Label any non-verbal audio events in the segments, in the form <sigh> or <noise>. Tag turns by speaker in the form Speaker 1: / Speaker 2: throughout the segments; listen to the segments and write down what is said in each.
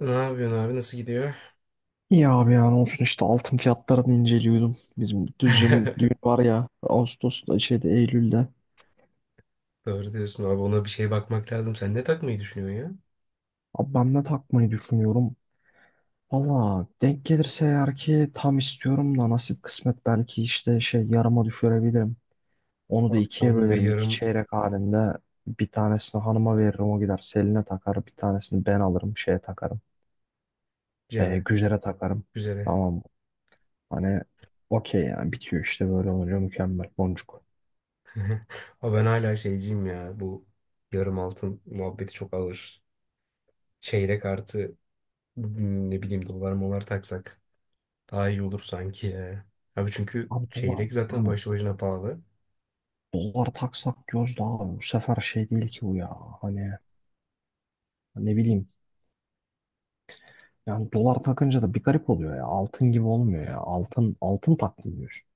Speaker 1: Ne yapıyorsun abi? Nasıl gidiyor?
Speaker 2: İyi abi yani olsun işte altın fiyatlarını inceliyordum. Bizim Düzce'min düğün
Speaker 1: <laughs>
Speaker 2: var ya Ağustos'ta şeyde Eylül'de.
Speaker 1: Doğru diyorsun abi. Ona bir şey bakmak lazım. Sen ne takmayı düşünüyorsun ya?
Speaker 2: Abi ben ne takmayı düşünüyorum? Valla denk gelirse eğer ki tam istiyorum da nasip kısmet belki işte şey yarıma düşürebilirim. Onu da
Speaker 1: Abi
Speaker 2: ikiye
Speaker 1: tam ve
Speaker 2: bölerim iki
Speaker 1: yarım
Speaker 2: çeyrek halinde. Bir tanesini hanıma veririm o gider Selin'e takar. Bir tanesini ben alırım şeye takarım.
Speaker 1: ceme.
Speaker 2: Güzer'e takarım.
Speaker 1: Güzele.
Speaker 2: Tamam. Hani okey yani bitiyor işte böyle olunca mükemmel boncuk.
Speaker 1: <laughs> Ama ben hala şeyciyim ya. Bu yarım altın muhabbeti çok ağır. Çeyrek artı ne bileyim dolar molar taksak daha iyi olur sanki ya. Abi çünkü
Speaker 2: Abi dolar.
Speaker 1: çeyrek zaten
Speaker 2: Hani
Speaker 1: başlı başına pahalı.
Speaker 2: dolar taksak diyoruz da abi bu sefer şey değil ki bu ya. Hani ne bileyim. Yani dolar takınca da bir garip oluyor ya. Altın gibi olmuyor ya. Altın altın takmıyorsun.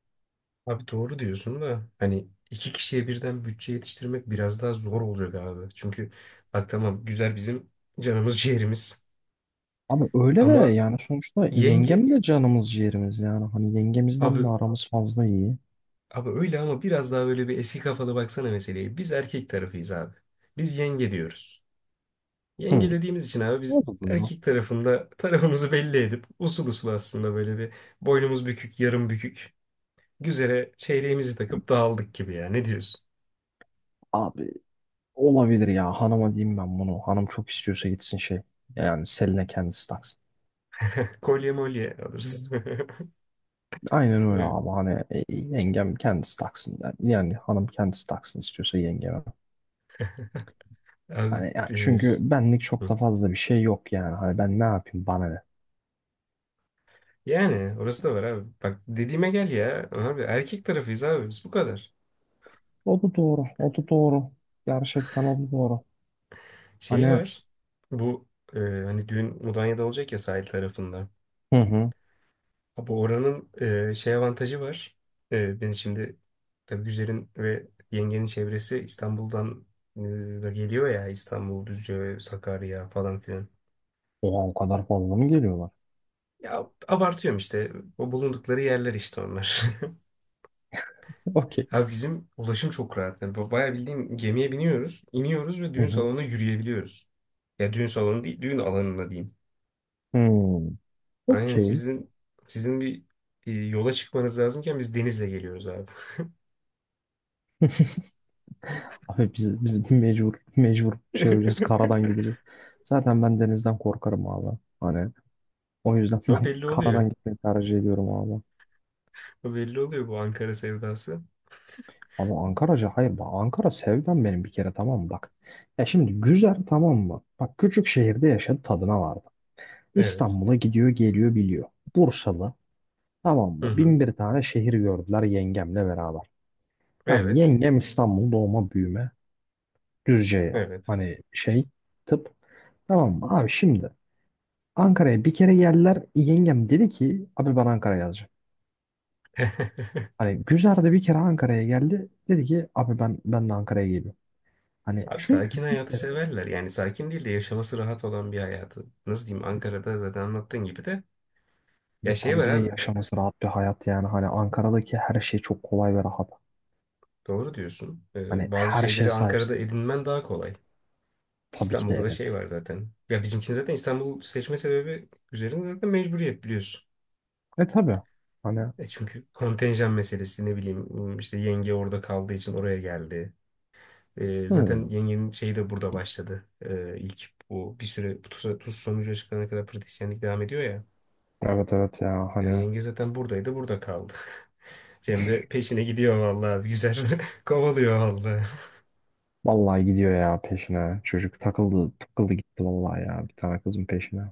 Speaker 1: Abi doğru diyorsun da hani iki kişiye birden bütçe yetiştirmek biraz daha zor olacak abi. Çünkü bak tamam güzel bizim canımız ciğerimiz
Speaker 2: Abi öyle de
Speaker 1: ama
Speaker 2: yani sonuçta
Speaker 1: yenge
Speaker 2: yengem de canımız ciğerimiz yani. Hani yengemizden
Speaker 1: abi
Speaker 2: de aramız fazla iyi.
Speaker 1: abi öyle ama biraz daha böyle bir eski kafalı baksana meseleye. Biz erkek tarafıyız abi. Biz yenge diyoruz.
Speaker 2: Hı.
Speaker 1: Yenge dediğimiz için abi biz
Speaker 2: O da doğru.
Speaker 1: erkek tarafında tarafımızı belli edip usul usul aslında böyle bir boynumuz bükük yarım bükük güzere çeyreğimizi takıp dağıldık gibi ya ne diyorsun?
Speaker 2: Abi olabilir ya hanıma diyeyim ben bunu. Hanım çok istiyorsa gitsin şey. Yani Selin'e kendisi taksın.
Speaker 1: <laughs> Kolye molye alırız.
Speaker 2: Aynen öyle
Speaker 1: <laughs>
Speaker 2: abi hani yengem kendisi taksın. Yani, yani hanım kendisi taksın istiyorsa yengeme.
Speaker 1: Abi,
Speaker 2: Hani ya çünkü benlik çok
Speaker 1: hı.
Speaker 2: da fazla bir şey yok yani. Hani ben ne yapayım bana ne.
Speaker 1: Yani orası da var abi. Bak dediğime gel ya. Abi erkek tarafıyız abi biz bu kadar.
Speaker 2: O da doğru. O da doğru. Gerçekten o da doğru.
Speaker 1: Şey
Speaker 2: Hani
Speaker 1: var. Bu hani düğün Mudanya'da olacak ya sahil tarafında.
Speaker 2: hı hı.
Speaker 1: Abi oranın şey avantajı var. Ben şimdi tabii Güzel'in ve yengenin çevresi İstanbul'dan e, da geliyor ya İstanbul, Düzce, Sakarya falan filan.
Speaker 2: Oha o kadar fazla mı geliyorlar?
Speaker 1: Ya abartıyorum işte. O bulundukları yerler işte onlar. <laughs>
Speaker 2: <laughs> Okey.
Speaker 1: Abi bizim ulaşım çok rahat. Yani bayağı bildiğin gemiye biniyoruz, iniyoruz ve
Speaker 2: Hı
Speaker 1: düğün
Speaker 2: hı.
Speaker 1: salonuna yürüyebiliyoruz. Ya düğün salonu değil, düğün alanına diyeyim.
Speaker 2: Hmm.
Speaker 1: Aynen
Speaker 2: Okey.
Speaker 1: sizin sizin yola çıkmanız lazımken biz denizle geliyoruz abi.
Speaker 2: Abi biz mecbur mecbur şey olacağız
Speaker 1: <laughs>
Speaker 2: karadan gideceğiz. Zaten ben denizden korkarım abi. Hani o yüzden <laughs>
Speaker 1: Ama
Speaker 2: ben
Speaker 1: belli oluyor.
Speaker 2: karadan gitmeyi tercih ediyorum abi.
Speaker 1: Ama belli oluyor bu Ankara sevdası.
Speaker 2: Ama Ankara'ca hayır bak Ankara sevdam benim bir kere tamam mı bak. Ya şimdi güzel tamam mı? Bak küçük şehirde yaşadı tadına vardı.
Speaker 1: Evet.
Speaker 2: İstanbul'a gidiyor geliyor biliyor. Bursalı tamam
Speaker 1: Hı
Speaker 2: mı?
Speaker 1: hı.
Speaker 2: Bin bir tane şehir gördüler yengemle beraber. Tamam
Speaker 1: Evet.
Speaker 2: yengem İstanbul doğma büyüme. Düzce
Speaker 1: Evet.
Speaker 2: hani şey tıp. Tamam mı? Abi şimdi Ankara'ya bir kere geldiler. Yengem dedi ki abi ben Ankara'ya yazacağım.
Speaker 1: <laughs>
Speaker 2: Hani Gülzar da bir kere Ankara'ya geldi. Dedi ki abi ben de Ankara'ya geliyorum. Hani
Speaker 1: Abi
Speaker 2: çünkü
Speaker 1: sakin
Speaker 2: bir
Speaker 1: hayatı
Speaker 2: kere
Speaker 1: severler. Yani sakin değil de yaşaması rahat olan bir hayatı. Nasıl diyeyim Ankara'da zaten anlattığın gibi de. Ya
Speaker 2: ve
Speaker 1: şey
Speaker 2: tabii
Speaker 1: var
Speaker 2: ki de
Speaker 1: abi.
Speaker 2: yaşaması rahat bir hayat yani. Hani Ankara'daki her şey çok kolay ve rahat.
Speaker 1: Doğru diyorsun.
Speaker 2: Hani
Speaker 1: Bazı
Speaker 2: her şeye
Speaker 1: şeyleri Ankara'da
Speaker 2: sahipsin.
Speaker 1: edinmen daha kolay.
Speaker 2: Tabii ki de
Speaker 1: İstanbul'da da şey
Speaker 2: evet.
Speaker 1: var zaten. Ya bizimki zaten İstanbul seçme sebebi üzerinde zaten mecburiyet biliyorsun.
Speaker 2: E tabii. Hani
Speaker 1: E çünkü kontenjan meselesi ne bileyim işte yenge orada kaldığı için oraya geldi. Zaten
Speaker 2: hmm.
Speaker 1: yengenin şeyi de burada başladı. İlk bu bir süre bu TUS sonucu açıklanana kadar pratisyenlik devam ediyor ya.
Speaker 2: Evet evet ya
Speaker 1: Yani
Speaker 2: hani
Speaker 1: yenge zaten buradaydı burada kaldı. <laughs> Cem de peşine gidiyor vallahi güzel <laughs> kovalıyor vallahi.
Speaker 2: vallahi gidiyor ya peşine. Çocuk takıldı takıldı gitti vallahi ya bir tane kızın peşine.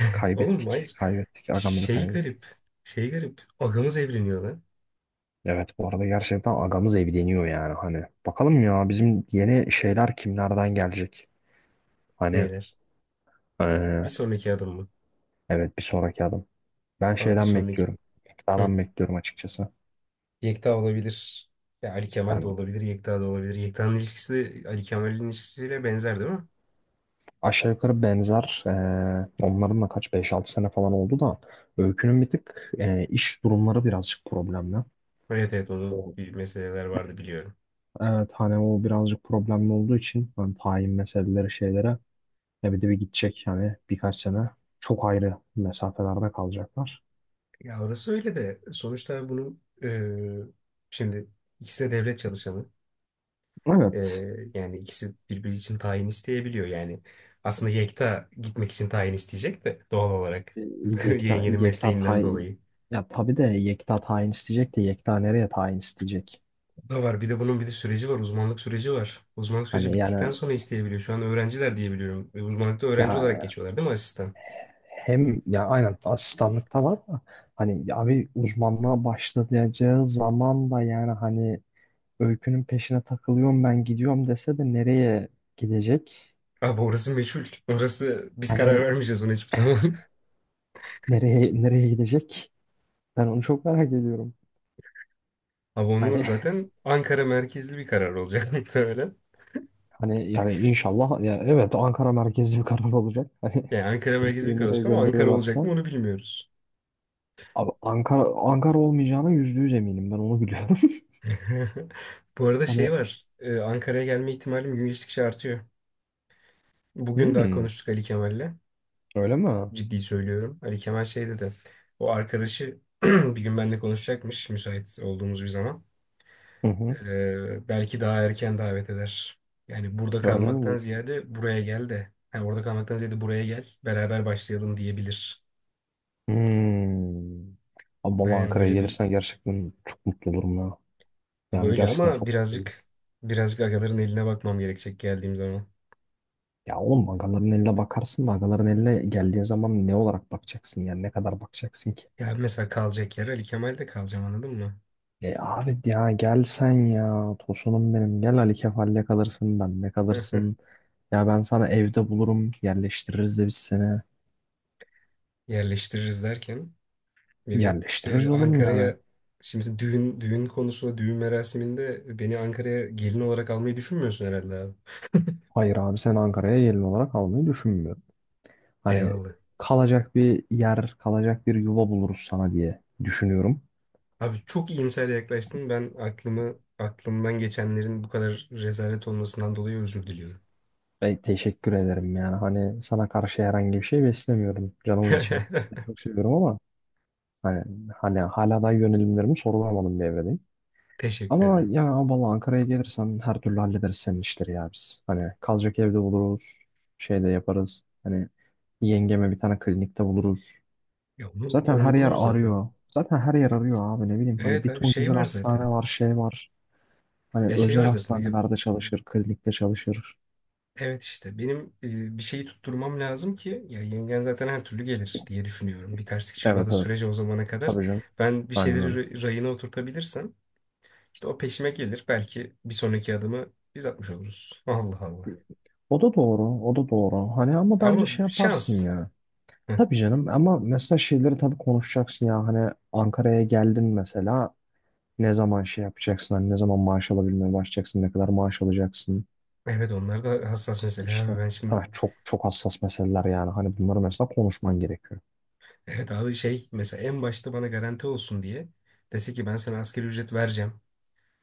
Speaker 1: <laughs> Oğlum
Speaker 2: Kaybettik.
Speaker 1: hayır.
Speaker 2: Kaybettik. Agamızı
Speaker 1: Şey
Speaker 2: kaybettik.
Speaker 1: garip. Şey garip. Ağamız evreniyor lan.
Speaker 2: Evet bu arada gerçekten agamız evleniyor yani hani. Bakalım ya bizim yeni şeyler kimlerden gelecek? Hani
Speaker 1: Neyler? Bir
Speaker 2: eee,
Speaker 1: sonraki adım mı?
Speaker 2: evet bir sonraki adım. Ben
Speaker 1: Abi bir
Speaker 2: şeyden
Speaker 1: sonraki.
Speaker 2: bekliyorum.
Speaker 1: Hı.
Speaker 2: Tekrardan bekliyorum açıkçası.
Speaker 1: Yekta olabilir. Ya Ali Kemal de
Speaker 2: Ben
Speaker 1: olabilir. Yekta da olabilir. Yekta'nın ilişkisi de Ali Kemal'in ilişkisiyle benzer değil mi?
Speaker 2: aşağı yukarı benzer onların da kaç beş altı sene falan oldu da Öykü'nün bir tık iş durumları birazcık problemli.
Speaker 1: Evet, evet onun
Speaker 2: O
Speaker 1: bir meseleler vardı biliyorum.
Speaker 2: Evet hani o birazcık problemli olduğu için hani tayin meseleleri şeylere ya bir de bir gidecek yani birkaç sene çok ayrı mesafelerde kalacaklar.
Speaker 1: Ya orası öyle de sonuçta bunun şimdi ikisi de devlet çalışanı. E,
Speaker 2: Evet.
Speaker 1: yani ikisi birbiri için tayin isteyebiliyor yani. Aslında Yekta gitmek için tayin isteyecek de doğal olarak
Speaker 2: E,
Speaker 1: <laughs>
Speaker 2: Yekta,
Speaker 1: yengenin
Speaker 2: Yekta
Speaker 1: mesleğinden
Speaker 2: tayin
Speaker 1: dolayı.
Speaker 2: ya tabii de Yekta tayin isteyecek de Yekta nereye tayin isteyecek?
Speaker 1: Da var. Bir de bunun bir de süreci var. Uzmanlık süreci var. Uzmanlık süreci
Speaker 2: Hani
Speaker 1: bittikten
Speaker 2: yani
Speaker 1: sonra isteyebiliyor. Şu an öğrenciler diyebiliyorum. E, uzmanlıkta öğrenci olarak
Speaker 2: ya
Speaker 1: geçiyorlar değil mi asistan?
Speaker 2: hem ya aynen asistanlıkta var da hani ya bir uzmanlığa başlayacağı zaman da yani hani Öykü'nün peşine takılıyorum ben gidiyorum dese de nereye gidecek?
Speaker 1: Abi orası meçhul. Orası biz karar
Speaker 2: Hani
Speaker 1: vermeyeceğiz ona hiçbir zaman. <laughs>
Speaker 2: nereye nereye gidecek? Ben onu çok merak ediyorum.
Speaker 1: Abi onu
Speaker 2: Hani <laughs>
Speaker 1: zaten Ankara merkezli bir karar olacak <laughs> muhtemelen.
Speaker 2: Hani yani inşallah ya evet Ankara merkezli bir karar olacak. Hani <laughs>
Speaker 1: Yani Ankara merkezli bir
Speaker 2: ülkeyi
Speaker 1: karar olacak
Speaker 2: nereye
Speaker 1: ama Ankara olacak mı
Speaker 2: gönderiyorlarsa
Speaker 1: onu bilmiyoruz.
Speaker 2: abi Ankara Ankara olmayacağına yüzde yüz eminim ben onu biliyorum. <laughs>
Speaker 1: <laughs> Bu arada
Speaker 2: Hani
Speaker 1: şey var. Ankara'ya gelme ihtimalim gün geçtikçe artıyor. Bugün daha
Speaker 2: hmm,
Speaker 1: konuştuk Ali Kemal'le.
Speaker 2: öyle mi?
Speaker 1: Ciddi söylüyorum. Ali Kemal şey dedi. O arkadaşı <clears throat> bir gün benimle konuşacakmış müsait olduğumuz bir zaman.
Speaker 2: Hı hı.
Speaker 1: Belki daha erken davet eder. Yani burada
Speaker 2: Öyle mi
Speaker 1: kalmaktan
Speaker 2: diyorsun?
Speaker 1: ziyade buraya gel de. Ha, orada kalmaktan ziyade buraya gel. Beraber başlayalım diyebilir.
Speaker 2: Hmm. Abi vallahi
Speaker 1: Yani
Speaker 2: Ankara'ya
Speaker 1: böyle bir
Speaker 2: gelirsen gerçekten çok mutlu olurum ya.
Speaker 1: ha,
Speaker 2: Yani
Speaker 1: böyle
Speaker 2: gerçekten
Speaker 1: ama
Speaker 2: çok mutlu olurum.
Speaker 1: birazcık agaların eline bakmam gerekecek geldiğim zaman.
Speaker 2: Ya oğlum agaların eline bakarsın da agaların eline geldiğin zaman ne olarak bakacaksın yani ne kadar bakacaksın ki?
Speaker 1: Ya mesela kalacak yer Ali Kemal'de kalacağım anladın mı?
Speaker 2: E abi ya gel sen ya tosunum benim gel Ali Kefal'le kalırsın benle kalırsın.
Speaker 1: <laughs>
Speaker 2: Ya ben sana evde bulurum yerleştiririz de biz seni.
Speaker 1: Yerleştiririz derken. Beni
Speaker 2: Yerleştiririz oğlum yani.
Speaker 1: Ankara'ya şimdi mesela düğün konusu düğün merasiminde beni Ankara'ya gelin olarak almayı düşünmüyorsun herhalde abi.
Speaker 2: Hayır abi sen Ankara'ya gelin olarak almayı düşünmüyorum. Hani
Speaker 1: Eyvallah.
Speaker 2: kalacak bir yer kalacak bir yuva buluruz sana diye düşünüyorum.
Speaker 1: Abi çok iyimser yaklaştın. Ben aklımı aklımdan geçenlerin bu kadar rezalet olmasından dolayı özür diliyorum.
Speaker 2: Ve teşekkür ederim yani hani sana karşı herhangi bir şey beslemiyorum canımın içi.
Speaker 1: <laughs>
Speaker 2: Çok seviyorum ama hani, hani hala da yönelimlerimi sorgulamadım bir evredeyim.
Speaker 1: Teşekkür
Speaker 2: Ama
Speaker 1: ederim.
Speaker 2: ya vallahi Ankara'ya gelirsen her türlü hallederiz senin işleri ya biz. Hani kalacak evde buluruz. Şey de yaparız. Hani yengeme bir tane klinikte buluruz.
Speaker 1: Ya onu,
Speaker 2: Zaten her
Speaker 1: onu
Speaker 2: yer
Speaker 1: buluruz zaten.
Speaker 2: arıyor. Zaten her yer arıyor abi ne bileyim. Hani
Speaker 1: Evet
Speaker 2: bir
Speaker 1: abi
Speaker 2: ton
Speaker 1: şey
Speaker 2: güzel
Speaker 1: var zaten.
Speaker 2: hastane var şey var. Hani
Speaker 1: Ya şey
Speaker 2: özel
Speaker 1: var zaten.
Speaker 2: hastanelerde çalışır. Klinikte çalışır.
Speaker 1: Evet işte benim bir şeyi tutturmam lazım ki ya yengen zaten her türlü gelir diye düşünüyorum. Bir terslik
Speaker 2: Evet
Speaker 1: çıkmadığı
Speaker 2: evet.
Speaker 1: sürece o zamana kadar
Speaker 2: Tabii canım.
Speaker 1: ben bir
Speaker 2: Aynen
Speaker 1: şeyleri
Speaker 2: öyle.
Speaker 1: rayına oturtabilirsem işte o peşime gelir. Belki bir sonraki adımı biz atmış oluruz. Allah Allah.
Speaker 2: O da doğru, o da doğru. Hani ama bence
Speaker 1: Ama
Speaker 2: şey yaparsın
Speaker 1: şans.
Speaker 2: ya.
Speaker 1: Hı.
Speaker 2: Tabii canım ama mesela şeyleri tabii konuşacaksın ya. Hani Ankara'ya geldin mesela. Ne zaman şey yapacaksın? Hani ne zaman maaş alabilmeye başlayacaksın? Ne kadar maaş alacaksın?
Speaker 1: Evet onlar da hassas mesele
Speaker 2: İşte
Speaker 1: abi ben şimdi.
Speaker 2: ha, çok çok hassas meseleler yani. Hani bunları mesela konuşman gerekiyor.
Speaker 1: Evet abi şey mesela en başta bana garanti olsun diye dese ki ben sana asgari ücret vereceğim.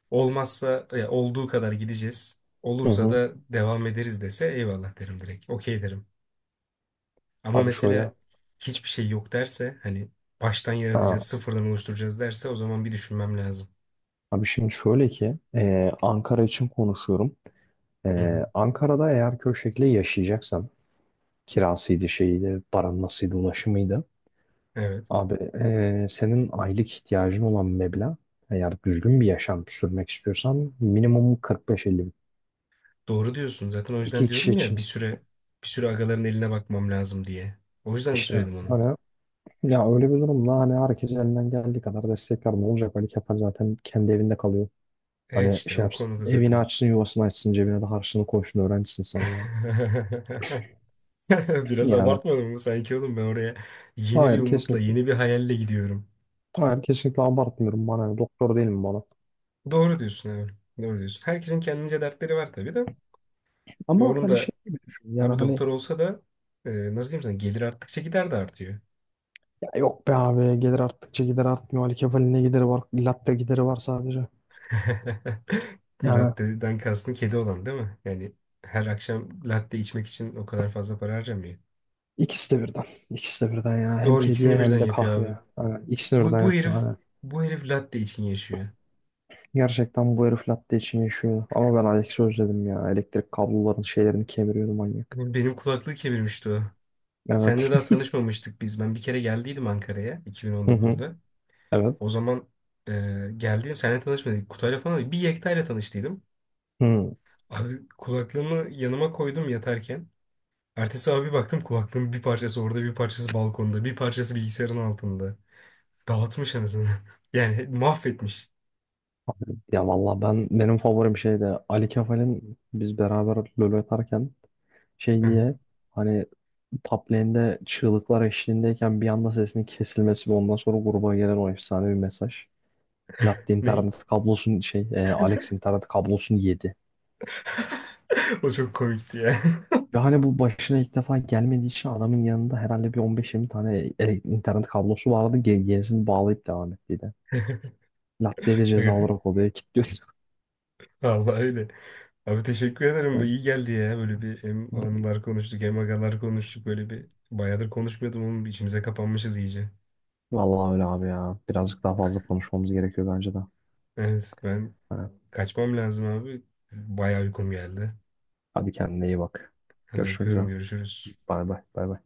Speaker 1: Olmazsa olduğu kadar gideceğiz.
Speaker 2: Hı
Speaker 1: Olursa
Speaker 2: hı.
Speaker 1: da devam ederiz dese eyvallah derim direkt. Okey derim. Ama
Speaker 2: Abi şöyle,
Speaker 1: mesela hiçbir şey yok derse hani baştan yaratacağız,
Speaker 2: ha,
Speaker 1: sıfırdan oluşturacağız derse o zaman bir düşünmem lazım.
Speaker 2: abi şimdi şöyle ki Ankara için konuşuyorum.
Speaker 1: Hı hı.
Speaker 2: Ankara'da eğer köy şekli yaşayacaksan kirasıydı şeydi, paran nasılydı, ulaşımıydı.
Speaker 1: Evet.
Speaker 2: Abi senin aylık ihtiyacın olan meblağ eğer düzgün bir yaşam sürmek istiyorsan minimum 45-50 bin.
Speaker 1: Doğru diyorsun. Zaten o yüzden
Speaker 2: İki kişi
Speaker 1: diyorum ya bir
Speaker 2: için.
Speaker 1: süre bir süre agaların eline bakmam lazım diye. O yüzden
Speaker 2: İşte
Speaker 1: söyledim onu.
Speaker 2: hani ya öyle bir durumda hani herkes elinden geldiği kadar destekler ne olacak? Ali Kemal zaten kendi evinde kalıyor.
Speaker 1: Evet
Speaker 2: Hani
Speaker 1: işte
Speaker 2: şey
Speaker 1: o
Speaker 2: yapsın,
Speaker 1: konuda
Speaker 2: evini
Speaker 1: zaten.
Speaker 2: açsın, yuvasını açsın, cebine de harçlığını koysun, öğrencisin sen ya.
Speaker 1: <laughs> Biraz
Speaker 2: Yani
Speaker 1: abartmadım mı sanki oğlum ben oraya yeni bir
Speaker 2: hayır
Speaker 1: umutla,
Speaker 2: kesinlikle,
Speaker 1: yeni bir hayalle gidiyorum.
Speaker 2: hayır kesinlikle abartmıyorum bana, yani doktor değilim bana.
Speaker 1: Doğru diyorsun evet. Doğru diyorsun. Herkesin kendince dertleri var tabii de. Ve
Speaker 2: Ama
Speaker 1: onun
Speaker 2: hani
Speaker 1: da
Speaker 2: şey gibi düşün, yani
Speaker 1: abi
Speaker 2: hani
Speaker 1: doktor olsa da nasıl diyeyim sana gelir arttıkça gider de artıyor.
Speaker 2: ya yok be abi gelir arttıkça gider artmıyor, Ali Kemal'in ne gideri var, latte gideri var sadece.
Speaker 1: <laughs>
Speaker 2: Yani
Speaker 1: Latte'den kastın kedi olan değil mi? Yani her akşam latte içmek için o kadar fazla para harcamıyor.
Speaker 2: ikisi de birden, ikisi de birden ya hem
Speaker 1: Doğru ikisini
Speaker 2: kediye
Speaker 1: birden
Speaker 2: hem de
Speaker 1: yapıyor
Speaker 2: kahve.
Speaker 1: abi.
Speaker 2: Yani ikisini
Speaker 1: Bu,
Speaker 2: birden
Speaker 1: bu herif
Speaker 2: yapıyor. Hani
Speaker 1: bu herif latte için yaşıyor.
Speaker 2: gerçekten bu herif latte için yaşıyor. Ama ben Alex'i özledim ya. Elektrik kabloların şeylerini kemiriyordu manyak.
Speaker 1: Benim kulaklığı kemirmişti o.
Speaker 2: Evet.
Speaker 1: Seninle daha tanışmamıştık biz. Ben bir kere geldiydim Ankara'ya
Speaker 2: <laughs> Hı hı.
Speaker 1: 2019'da. O
Speaker 2: Evet.
Speaker 1: zaman geldiğim seninle tanışmadık. Kutayla falan bir Yekta'yla tanıştıydım.
Speaker 2: Hı.
Speaker 1: Abi kulaklığımı yanıma koydum yatarken. Ertesi abi baktım kulaklığın bir parçası orada, bir parçası balkonda, bir parçası bilgisayarın altında. Dağıtmış anasını. <laughs> Yani mahvetmiş.
Speaker 2: Abi, ya valla ben benim favorim şeydi. Ali Kefal'in biz beraber LoL atarken şey
Speaker 1: Hı hı.
Speaker 2: diye hani top lane'de çığlıklar eşliğindeyken bir anda sesinin kesilmesi ve ondan sonra gruba gelen o efsane bir mesaj. Latte
Speaker 1: Ne?
Speaker 2: internet kablosun şey Alex internet kablosunu yedi.
Speaker 1: <laughs> O çok komikti ya.
Speaker 2: Ve hani bu başına ilk defa gelmediği için adamın yanında herhalde bir 15-20 tane internet kablosu vardı. Gerisini bağlayıp devam ettiydi. Latte de ceza
Speaker 1: <laughs>
Speaker 2: olarak odaya kilitliyorsun.
Speaker 1: Allah öyle. Abi teşekkür ederim. Bu
Speaker 2: Evet.
Speaker 1: iyi geldi ya. Böyle bir hem
Speaker 2: <laughs>
Speaker 1: anılar konuştuk hem agalar konuştuk. Böyle bir bayağıdır konuşmuyordum ama içimize kapanmışız iyice.
Speaker 2: Vallahi öyle abi ya. Birazcık daha fazla konuşmamız gerekiyor bence de.
Speaker 1: Evet ben
Speaker 2: Evet.
Speaker 1: kaçmam lazım abi. Bayağı uykum geldi.
Speaker 2: Hadi kendine iyi bak.
Speaker 1: Hadi
Speaker 2: Görüşmek üzere.
Speaker 1: öpüyorum görüşürüz.
Speaker 2: Bay bay. Bay bay.